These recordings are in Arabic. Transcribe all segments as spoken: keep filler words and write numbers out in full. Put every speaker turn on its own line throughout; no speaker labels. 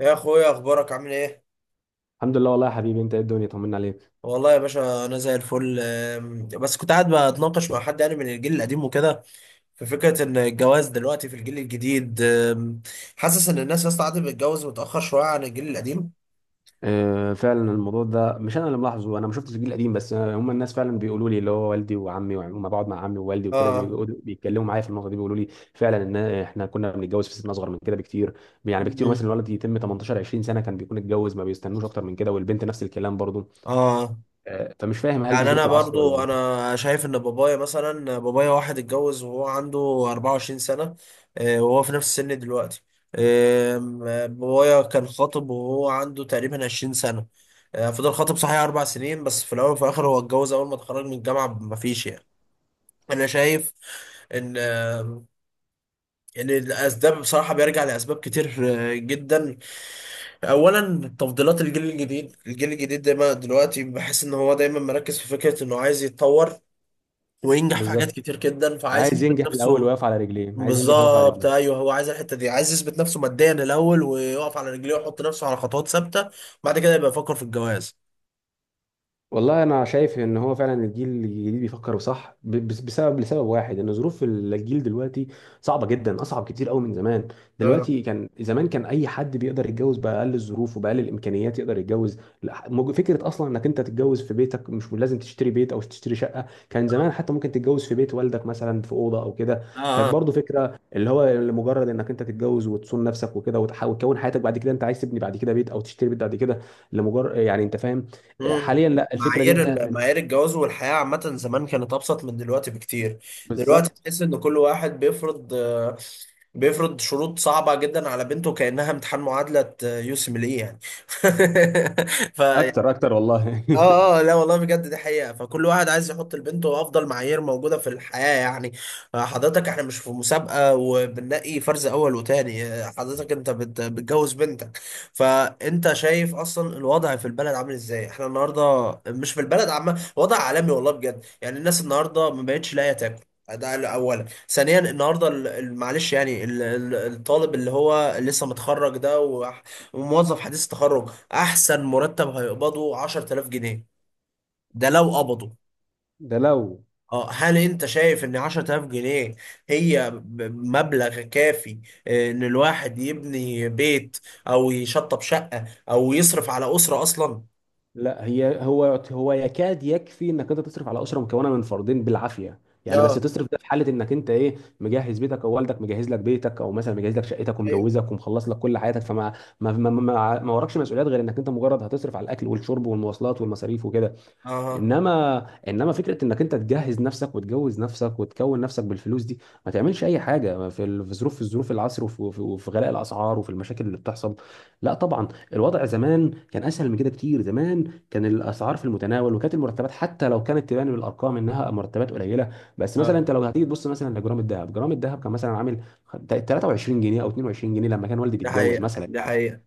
يا اخويا، اخبارك عامل ايه؟
الحمد لله والله يا حبيبي، انت ايه، الدنيا طمنا عليك.
والله يا باشا انا زي الفل، أم، بس كنت قاعد بتناقش مع حد يعني من الجيل القديم وكده، في فكره ان الجواز دلوقتي في الجيل الجديد. أم، حاسس ان الناس يا اسطى قاعده بتتجوز متاخر شويه عن الجيل القديم.
آه، فعلا الموضوع ده مش انا اللي ملاحظه. انا ما شفتش الجيل القديم، بس آه، هم الناس فعلا بيقولوا لي، اللي هو والدي وعمي، ولما بقعد مع عمي ووالدي وكده
اه.
بيقعدوا- بيتكلموا معايا في النقطه دي، بيقولوا لي فعلا ان احنا كنا بنتجوز في سن اصغر من كده بكتير. يعني بكتير،
مم.
مثلا الولد يتم تمنتاشر عشرين سنة سنه كان بيكون اتجوز، ما بيستنوش اكتر من كده، والبنت نفس الكلام برضه.
اه.
آه، فمش فاهم، هل دي
يعني
ظروف
انا
العصر ولا
برضو
ايه؟
انا شايف ان بابايا مثلا، بابايا واحد اتجوز وهو عنده اربعة وعشرين سنة. آه، وهو في نفس السن دلوقتي. آم، آه، بابايا كان خاطب وهو عنده تقريبا عشرين سنة. آه، فضل خاطب صحيح اربع سنين، بس في الاول وفي الاخر هو اتجوز اول ما اتخرج من الجامعة، مفيش يعني. انا شايف ان آه، ان الاسباب بصراحه بيرجع لاسباب كتير آه، جدا. اولا، تفضيلات الجيل الجديد، الجيل الجديد دايما دلوقتي بحس ان هو دايما مركز في فكره انه عايز يتطور وينجح في حاجات
بالظبط،
كتير جدا، فعايز
عايز
يثبت
ينجح الاول
نفسه.
ويقف على رجليه، عايز ينجح ويقف على
بالظبط،
رجليه.
ايوه، هو عايز الحته دي، عايز يثبت نفسه ماديا الاول ويقف على رجليه ويحط نفسه على خطوات ثابته، بعد كده يبقى يفكر في الجواز.
والله انا شايف ان هو فعلا الجيل الجديد بيفكر صح، ب- بس- بسبب لسبب واحد، ان ظروف الجيل دلوقتي صعبه جدا، اصعب كتير قوي من زمان.
اه.
دلوقتي كان، زمان كان اي حد بيقدر يتجوز باقل الظروف وباقل الامكانيات يقدر يتجوز. لا، مج- فكره اصلا انك انت تتجوز في بيتك، مش لازم تشتري بيت او تشتري شقه. كان
اه.
زمان حتى ممكن تتجوز في بيت والدك مثلا، في اوضه او كده.
اه.
كانت
آه.
برضو فكره اللي هو لمجرد انك انت تتجوز وتصون نفسك وكده، وتح- وتكون حياتك بعد كده انت عايز تبني بعد كده بيت، او تشتري بيت بعد كده، لمجرد، يعني انت فاهم.
مم.
حاليا لا، الفكره دي
معايير
انتهت
ال-
منه.
معايير الجواز والحياة عامة زمان كانت أبسط من دلوقتي بكتير. دلوقتي
بالظبط.
تحس إن كل واحد بيفرض، آه، بيفرض شروط صعبة جدا على بنته كأنها امتحان معادلة يوسم ليه يعني. ف
اكتر اكتر والله.
اه، اه، لا والله بجد، دي حقيقة، فكل واحد عايز يحط لبنته افضل معايير موجودة في الحياة يعني. آه، حضرتك، احنا مش في مسابقة وبنلاقي فرز اول وتاني. آه، حضرتك انت بت- بتجوز بنتك، فانت شايف اصلا الوضع في البلد عامل ازاي. احنا النهاردة مش في البلد، عامة وضع عالمي، والله بجد يعني الناس النهاردة ما بقتش لاقية تاكل. ده اولا. ثانيا، النهارده ال- ال- معلش يعني ال- ال- الطالب اللي هو لسه متخرج ده وح- وموظف حديث التخرج، احسن مرتب هيقبضه عشرتلاف جنيه، ده لو قبضوا.
ده لو.
اه، هل انت شايف ان عشرة آلاف جنيه هي ب- مبلغ كافي آه، ان الواحد يبني بيت او يشطب شقة او يصرف على أسرة اصلا؟
لا، هي هو، هو يكاد يكفي انك انت تصرف على اسره مكونه من فردين بالعافيه. يعني بس
اه.
تصرف، ده في حاله انك انت ايه، مجهز بيتك او والدك مجهز لك بيتك، او مثلا مجهز لك شقتك
ايوه.
ومجوزك ومخلص لك كل حياتك، فما ما ما ما, ما وراكش مسؤوليات غير انك انت مجرد هتصرف على الاكل والشرب والمواصلات والمصاريف وكده.
اه.
انما انما فكره انك انت تجهز نفسك وتجوز نفسك وتكون نفسك بالفلوس دي، ما تعملش اي حاجه في ال- في ظروف، في ظروف العصر، وفي وفي- وفي غلاء الاسعار وفي المشاكل اللي بتحصل. لا طبعا، الوضع زمان كان اسهل من كده كتير. زمان كان الاسعار في المتناول، وكانت المرتبات حتى لو كانت تبان بالارقام انها مرتبات قليله. بس مثلا
اه.
انت لو هتيجي تبص مثلا لجرام الذهب، جرام الذهب كان مثلا عامل تلاتة وعشرين جنيه او اتنين وعشرين جنيه لما كان والدي
دي
بيتجوز
حقيقة،
مثلا.
دي حقيقة.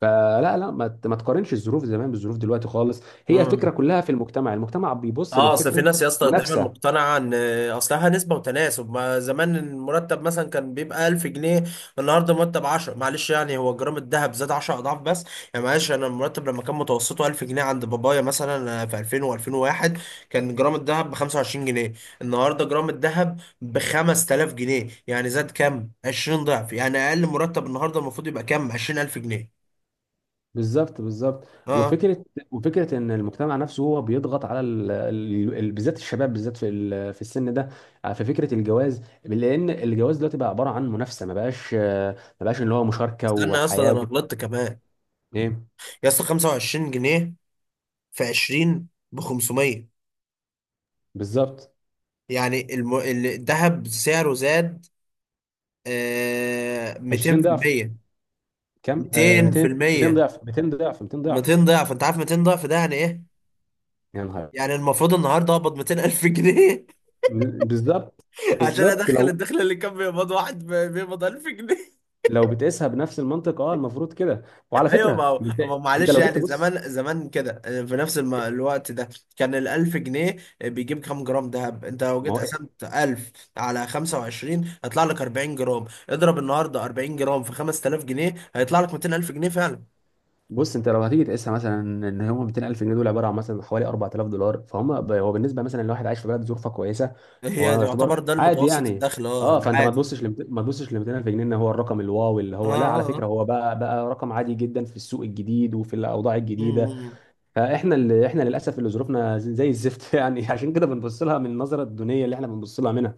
فلا لا، ما ت- ما تقارنش الظروف زمان بالظروف دلوقتي خالص. هي
مم.
الفكره كلها في المجتمع، المجتمع بيبص
اه، اصل في
للفكره.
ناس يا اسطى دايما
منافسه.
مقتنعه ان اصلها نسبه وتناسب. ما زمان المرتب مثلا كان بيبقى ألف جنيه، النهارده مرتب عشرة، معلش يعني هو جرام الذهب زاد 10 اضعاف بس. يعني معلش، انا المرتب لما كان متوسطه ألف جنيه عند بابايا مثلا في ألفين وواحد و2001، كان جرام الذهب ب خمسة وعشرين جنيه، النهارده جرام الذهب ب خمسة آلاف جنيه، يعني زاد كام؟ عشرين ضعف. يعني اقل مرتب النهارده المفروض يبقى كام؟ عشرين ألف جنيه.
بالظبط بالظبط،
اه،
وفكره، وفكره ان المجتمع نفسه هو بيضغط على ال... ال... ال- بالذات الشباب، بالذات في ال... في السن ده، آه، في فكره الجواز، لان الجواز دلوقتي بقى عباره عن منافسه، ما بقاش ما بقاش اللي هو مشاركه
استنى يا اسطى، ده
وحياه
انا
وكده.
غلطت كمان.
ايه.
يا اسطى خمسة وعشرين جنيه في عشرين ب خمسميه،
بالظبط.
يعني الم... الذهب سعره زاد آه
عشرين ضعف.
ميتين بالمية.
كم؟ آه، ميتين، ميتين
مئتين في المية،
ضعف، ميتين ضعف، ميتين ضعف.
ميتين ضعف. انت عارف ميتين ضعف ده يعني ايه؟
يا نهار.
يعني المفروض النهارده اقبض ميتين ألف جنيه
بالظبط
عشان
بالظبط،
ادخل
لو،
الدخل اللي كان بيقبض واحد ب- بيقبض ألف جنيه.
لو بتقيسها بنفس المنطق، اه المفروض كده. وعلى
ايوه، ما
فكره
هو
انت،
ما هو
انت
معلش
لو جيت
يعني،
تبص،
زمان زمان كده في نفس الم- الوقت ده كان الألف جنيه بيجيب كام جرام دهب؟ انت لو
ما
جيت
هو إيه،
قسمت ألف على خمسة وعشرين هيطلع لك اربعين جرام، اضرب النهارده اربعين جرام في خمستلاف جنيه هيطلع لك ميتين ألف جنيه فعلا.
بص، انت لو هتيجي تقيسها مثلا، ان هم ميتين الف جنيه دول عباره عن مثلا حوالي اربع تلاف دولار، فهم ب- هو بالنسبه مثلا لواحد عايش في بلد ظروفها كويسه،
هي
هو يعتبر
يعتبر ده
عادي
المتوسط
يعني.
الدخل، اه،
اه، فانت ما
العادي.
تبصش لمت... ما تبصش ل ميتين الف جنيه ان هو الرقم الواو اللي
اه.
هو، لا، على
اه.
فكره
اه.
هو بقى، بقى رقم عادي جدا في السوق الجديد وفي الاوضاع
مم.
الجديده.
مم.
فاحنا اللي احنا للاسف، اللي ظروفنا زي الزفت يعني، عشان كده بنبص لها من النظره الدونيه اللي احنا بنبص لها منها.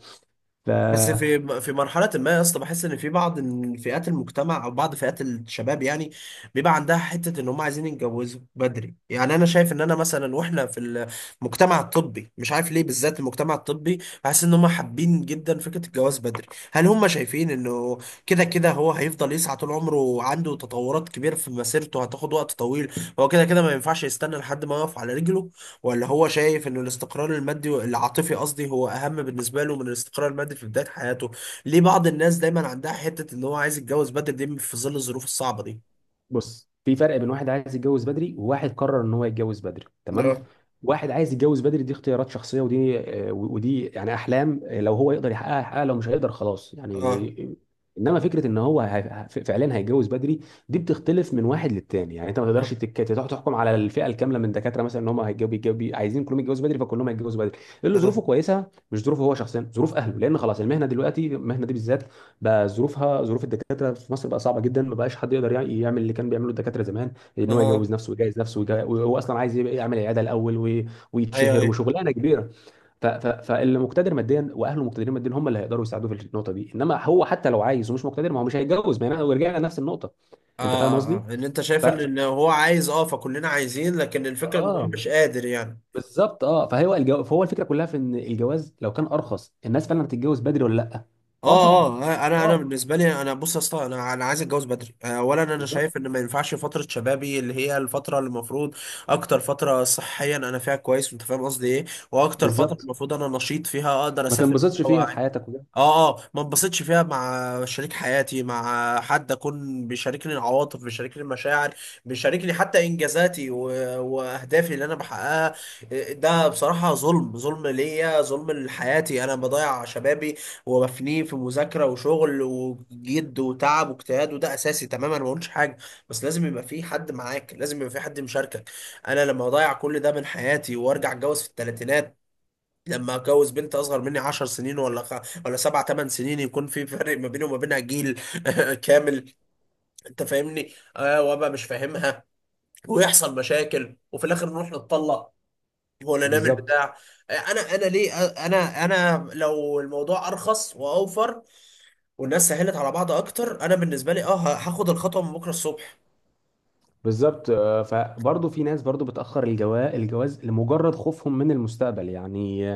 ف.
بس في في مرحلة ما يا اسطى، بحس ان في بعض ال- فئات المجتمع او بعض فئات الشباب يعني بيبقى عندها حتة ان هم عايزين يتجوزوا بدري. يعني انا شايف ان انا مثلا واحنا في المجتمع الطبي، مش عارف ليه بالذات المجتمع الطبي، بحس ان هم حابين جدا فكرة الجواز بدري. هل هم شايفين انه كده كده هو هيفضل يسعى طول عمره، عنده تطورات كبيرة في مسيرته هتاخد وقت طويل، هو كده كده ما ينفعش يستنى لحد ما يقف على رجله؟ ولا هو شايف ان الاستقرار المادي، العاطفي قصدي، هو اهم بالنسبه له من الاستقرار المادي في بدايه حياته؟ ليه بعض الناس دايما عندها حته ان هو عايز يتجوز بدري دي في ظل الظروف الصعبه دي؟
بص، في فرق بين واحد عايز يتجوز بدري، وواحد قرر ان هو يتجوز بدري، تمام؟
اه.
واحد عايز يتجوز بدري دي اختيارات شخصيه، ودي آه، ودي يعني احلام، آه، لو هو يقدر يحققها يحققها، لو مش هيقدر خلاص
اه.
يعني. انما فكره ان هو هي- ف- فعلا هيتجوز بدري، دي بتختلف من واحد للتاني. يعني انت ما تقدرش
اه.
تك- تروح تحكم على الفئه الكامله من الدكاتره مثلا، ان هم هيتجوزوا بيتجوزوا- عايزين كلهم يتجوزوا بدري فكلهم هيتجوزوا بدري. اللي
اه.
ظروفه كويسه، مش ظروفه هو شخصيا، ظروف اهله. لان خلاص المهنه دلوقتي، المهنه دي بالذات بقى ظروفها، ظروف الدكاتره في مصر بقى صعبه جدا. ما بقاش حد يقدر يع- يعمل اللي كان بيعمله الدكاتره زمان، ان هو يجوز
اه.
نفسه ويجهز نفسه، ويجا- وهو اصلا عايز يبقى يعمل عياده الاول وي-
ايوه،
ويتشهر
ايوه.
وشغلانه كبيره. ف- ف- فاللي مقتدر ماديا واهله مقتدرين ماديا هم اللي هيقدروا يساعدوه في النقطه دي، انما هو حتى لو عايز ومش مقتدر ما هو مش هيتجوز، ما هنا ورجعنا لنفس النقطه. انت
اه،
فاهم قصدي؟
اه، اه، ان انت
ف...
شايف ان
ف...
إن هو عايز، اه فكلنا عايزين لكن الفكره ان هو
اه،
مش قادر يعني.
بالظبط اه، فهو الجو... فهو الفكره كلها في ان الجواز لو كان ارخص الناس فعلا بتتجوز بدري ولا لا. اه
اه.
طبعا.
اه، انا، انا
اه
بالنسبه لي، انا بص يا اسطى، انا، انا عايز اتجوز بدري. آه، اولا انا
بالظبط
شايف ان ما ينفعش فتره شبابي اللي هي الفتره اللي المفروض اكتر فتره صحيا انا فيها كويس، انت فاهم قصدي ايه، واكتر فتره
بالظبط،
المفروض انا نشيط فيها اقدر
ما
اسافر
تنبسطش
فيها
فيها في
واعي،
حياتك وده.
اه، اه ما انبسطش فيها مع شريك حياتي، مع حد اكون بيشاركني العواطف، بيشاركني المشاعر، بيشاركني حتى انجازاتي و... واهدافي اللي انا بحققها. آه، ده بصراحه ظلم، ظلم ليا، ظلم لحياتي. انا بضيع شبابي ومفنيه في مذاكرة وشغل وجد وتعب واجتهاد، وده أساسي تماما، ما بقولش حاجة، بس لازم يبقى في حد معاك، لازم يبقى في حد مشاركك. أنا لما أضيع كل ده من حياتي وأرجع أتجوز في الثلاثينات، لما أتجوز بنت أصغر مني 10 سنين، ولا خ... ولا سبع ثمان سنين، يكون في فرق ما بيني وما بينها جيل كامل. أنت فاهمني؟ آه، وأبقى مش فاهمها، ويحصل مشاكل، وفي الآخر نروح نتطلق ولا نعمل
بالظبط
بتاع. آه، انا، انا ليه، آه، انا، انا لو الموضوع ارخص واوفر والناس سهلت على بعض اكتر، انا بالنسبه لي اه ه- هاخد الخطوه من بكره الصبح.
بالظبط، آه، فبرضه في ناس برضه بتأخر الجواز الجواز لمجرد خوفهم من المستقبل يعني،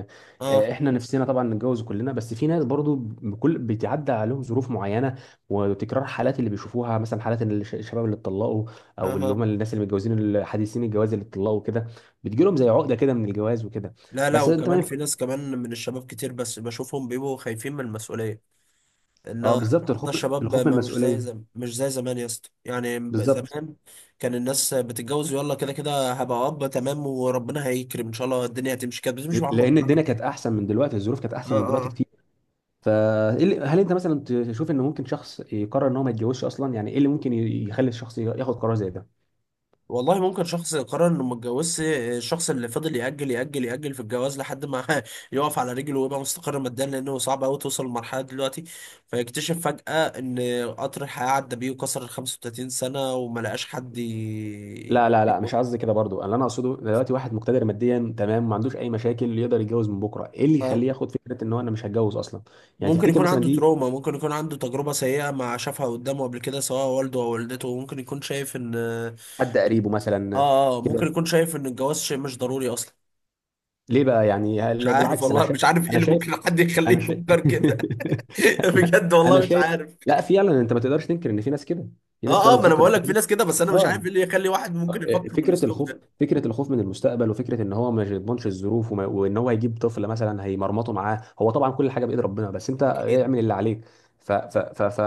آه،
اه.
احنا نفسنا طبعا نتجوز كلنا، بس في ناس برضه بكل بتعدى عليهم ظروف معينة، وتكرار حالات اللي بيشوفوها، مثلا حالات إن الش- الشباب اللي اتطلقوا، او اللي هم
اها.
الناس اللي متجوزين الحديثين الجواز اللي اتطلقوا كده، بتجيلهم زي عقدة كده من الجواز وكده.
لا، لا،
بس انت ما
وكمان
ينفع.
في ناس كمان من الشباب كتير بس بشوفهم بيبقوا خايفين من المسؤولية، ان
اه بالظبط،
النهارده
الخوف،
الشباب
الخوف من
ما مش زي
المسؤولية.
زم... مش زي زمان يا اسطى، يعني ب-
بالظبط،
زمان كان الناس بتتجوز يلا كده كده، هبقى اب تمام وربنا هيكرم ان شاء الله، الدنيا هتمشي كده، بس مش بعمل
لان
البركة
الدنيا
كده.
كانت احسن من دلوقتي، الظروف كانت احسن من دلوقتي
اه.
كتير. فهل انت مثلا تشوف ان ممكن شخص يقرر ان هو ما يتجوزش اصلا؟ يعني ايه اللي ممكن يخلي الشخص ياخد قرار زي ده؟
والله ممكن شخص قرر انه ما اتجوزش، الشخص اللي فضل يأجل يأجل يأجل في الجواز لحد ما يقف على رجله ويبقى مستقر ماديا، لانه صعب قوي توصل للمرحله دلوقتي، فيكتشف فجأة ان قطر الحياه عدى بيه وكسر ال خمسة وتلاتين سنه وما لقاش حد ي...
لا لا لا، مش قصدي كده برضو. اللي انا اقصده دلوقتي، واحد مقتدر ماديا تمام، ما عندوش اي مشاكل، يقدر يتجوز من بكره، ايه اللي
اه،
يخليه ياخد فكره ان هو انا مش هتجوز اصلا؟ يعني
ممكن
تفتكر
يكون
مثلا
عنده
دي،
تروما، ممكن يكون عنده تجربه سيئه ما شافها قدامه قبل كده سواء والده او والدته، ممكن يكون شايف ان
حد قريبه مثلا
اه، اه، ممكن
كده؟
يكون شايف ان الجواز شيء مش ضروري اصلا.
ليه بقى يعني،
مش
هل-
عارف
بالعكس، انا
والله،
شايف،
مش عارف ايه
انا
اللي
شايف
ممكن حد يخليه
انا شايف
يفكر كده. بجد
انا
والله مش
شايف
عارف.
لا فعلا انت ما تقدرش تنكر ان في ناس كده، في ناس
اه،
فعلا
اه، ما انا
بتفكر
بقول لك في
بالطريقة دي.
ناس كده، بس انا مش
اه.
عارف ايه اللي يخلي واحد ممكن يفكر
فكره
بالاسلوب
الخوف،
ده.
فكره الخوف من المستقبل، وفكره ان هو ما يضمنش الظروف، وما- وان هو هيجيب طفل مثلا هيمرمطه معاه، هو طبعا كل حاجه بايد ربنا، بس انت
اكيد.
اعمل اللي عليك. ف ف ف ف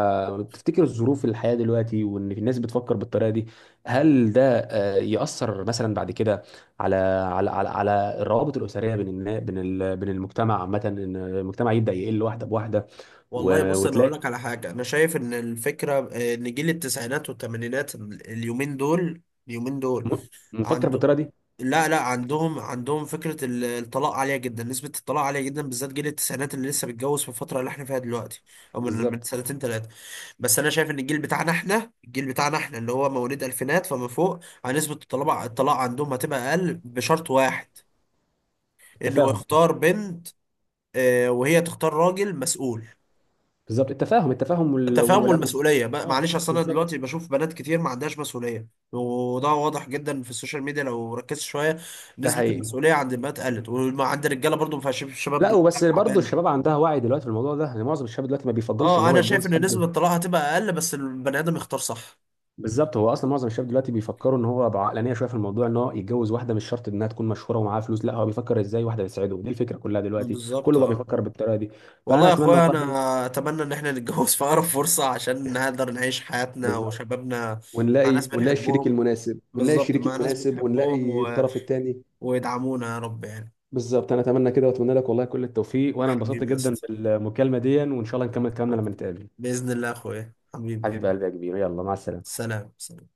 تفتكر الظروف الحياه دلوقتي وان الناس بتفكر بالطريقه دي، هل ده آه، ياثر مثلا بعد كده على على على, على الروابط الاسريه بين النا بين ال- بين المجتمع عامه، ان المجتمع يبدا يقل واحده بواحده،
والله
و-
بص انا اقول
وتلاقي
لك على حاجه. انا شايف ان الفكره آه، ان جيل التسعينات والثمانينات اليومين دول، اليومين دول
م- مفكر
عنده،
بالطريقه دي.
لا لا، عندهم، عندهم فكرة ال- الطلاق عالية جدا، نسبة الطلاق عالية جدا بالذات جيل التسعينات اللي لسه بيتجوز في الفترة اللي احنا فيها دلوقتي او من من
بالظبط،
سنتين ثلاثة. بس انا شايف ان الجيل بتاعنا احنا، الجيل بتاعنا احنا اللي هو مواليد الفينات فما فوق، عن نسبة الطلاق، الطلاق عندهم هتبقى اقل بشرط واحد، انه
التفاهم.
يختار بنت، آه، وهي تختار راجل مسؤول.
بالظبط، التفاهم، التفاهم وال... وال...
التفاهم
وال...
والمسؤوليه، ما-
اه
معلش، اصل انا
بالظبط.
دلوقتي بشوف بنات كتير ما عندهاش مسؤوليه، وده واضح جدا في السوشيال ميديا لو ركزت شويه.
ده
نسبه
حقيقي.
المسؤوليه عند البنات قلت، وعند الرجاله برضو ما فيهاش، الشباب
لا،
دلوقتي
وبس برضه
تعبانه.
الشباب عندها وعي دلوقتي في الموضوع ده، يعني معظم الشباب دلوقتي ما بيفضلش ان
اه،
هو
انا شايف
يتجوز
ان نسبه
حد.
الطلاق هتبقى اقل بس البني ادم يختار صح.
بالظبط، هو اصلا معظم الشباب دلوقتي بيفكروا ان هو بعقلانيه شويه في الموضوع، ان هو يتجوز واحده مش شرط انها تكون مشهوره ومعاها فلوس، لا هو بيفكر ازاي واحده بتساعده. دي الفكره كلها دلوقتي،
بالظبط.
كله بقى
اه
بيفكر بالطريقه دي. فانا
والله يا
اتمنى
اخويا،
والله.
انا اتمنى ان احنا نتجوز في اقرب فرصه عشان نقدر نعيش حياتنا
بالظبط،
وشبابنا مع ناس
ونلاقي ونلاقي الشريك
بنحبهم.
المناسب، ونلاقي
بالظبط،
الشريك
مع ناس
المناسب
بنحبهم
ونلاقي
و...
الطرف الثاني.
ويدعمونا يا رب يعني.
بالظبط، انا اتمنى كده، واتمنى لك والله كل التوفيق، وانا انبسطت
حبيبي يا
جدا
اسطى.
بالمكالمه دي، وان شاء الله نكمل كلامنا لما نتقابل.
بإذن الله يا أخويا حبيبي.
حبيب قلبي يا كبير، يلا مع السلامه.
سلام، سلام.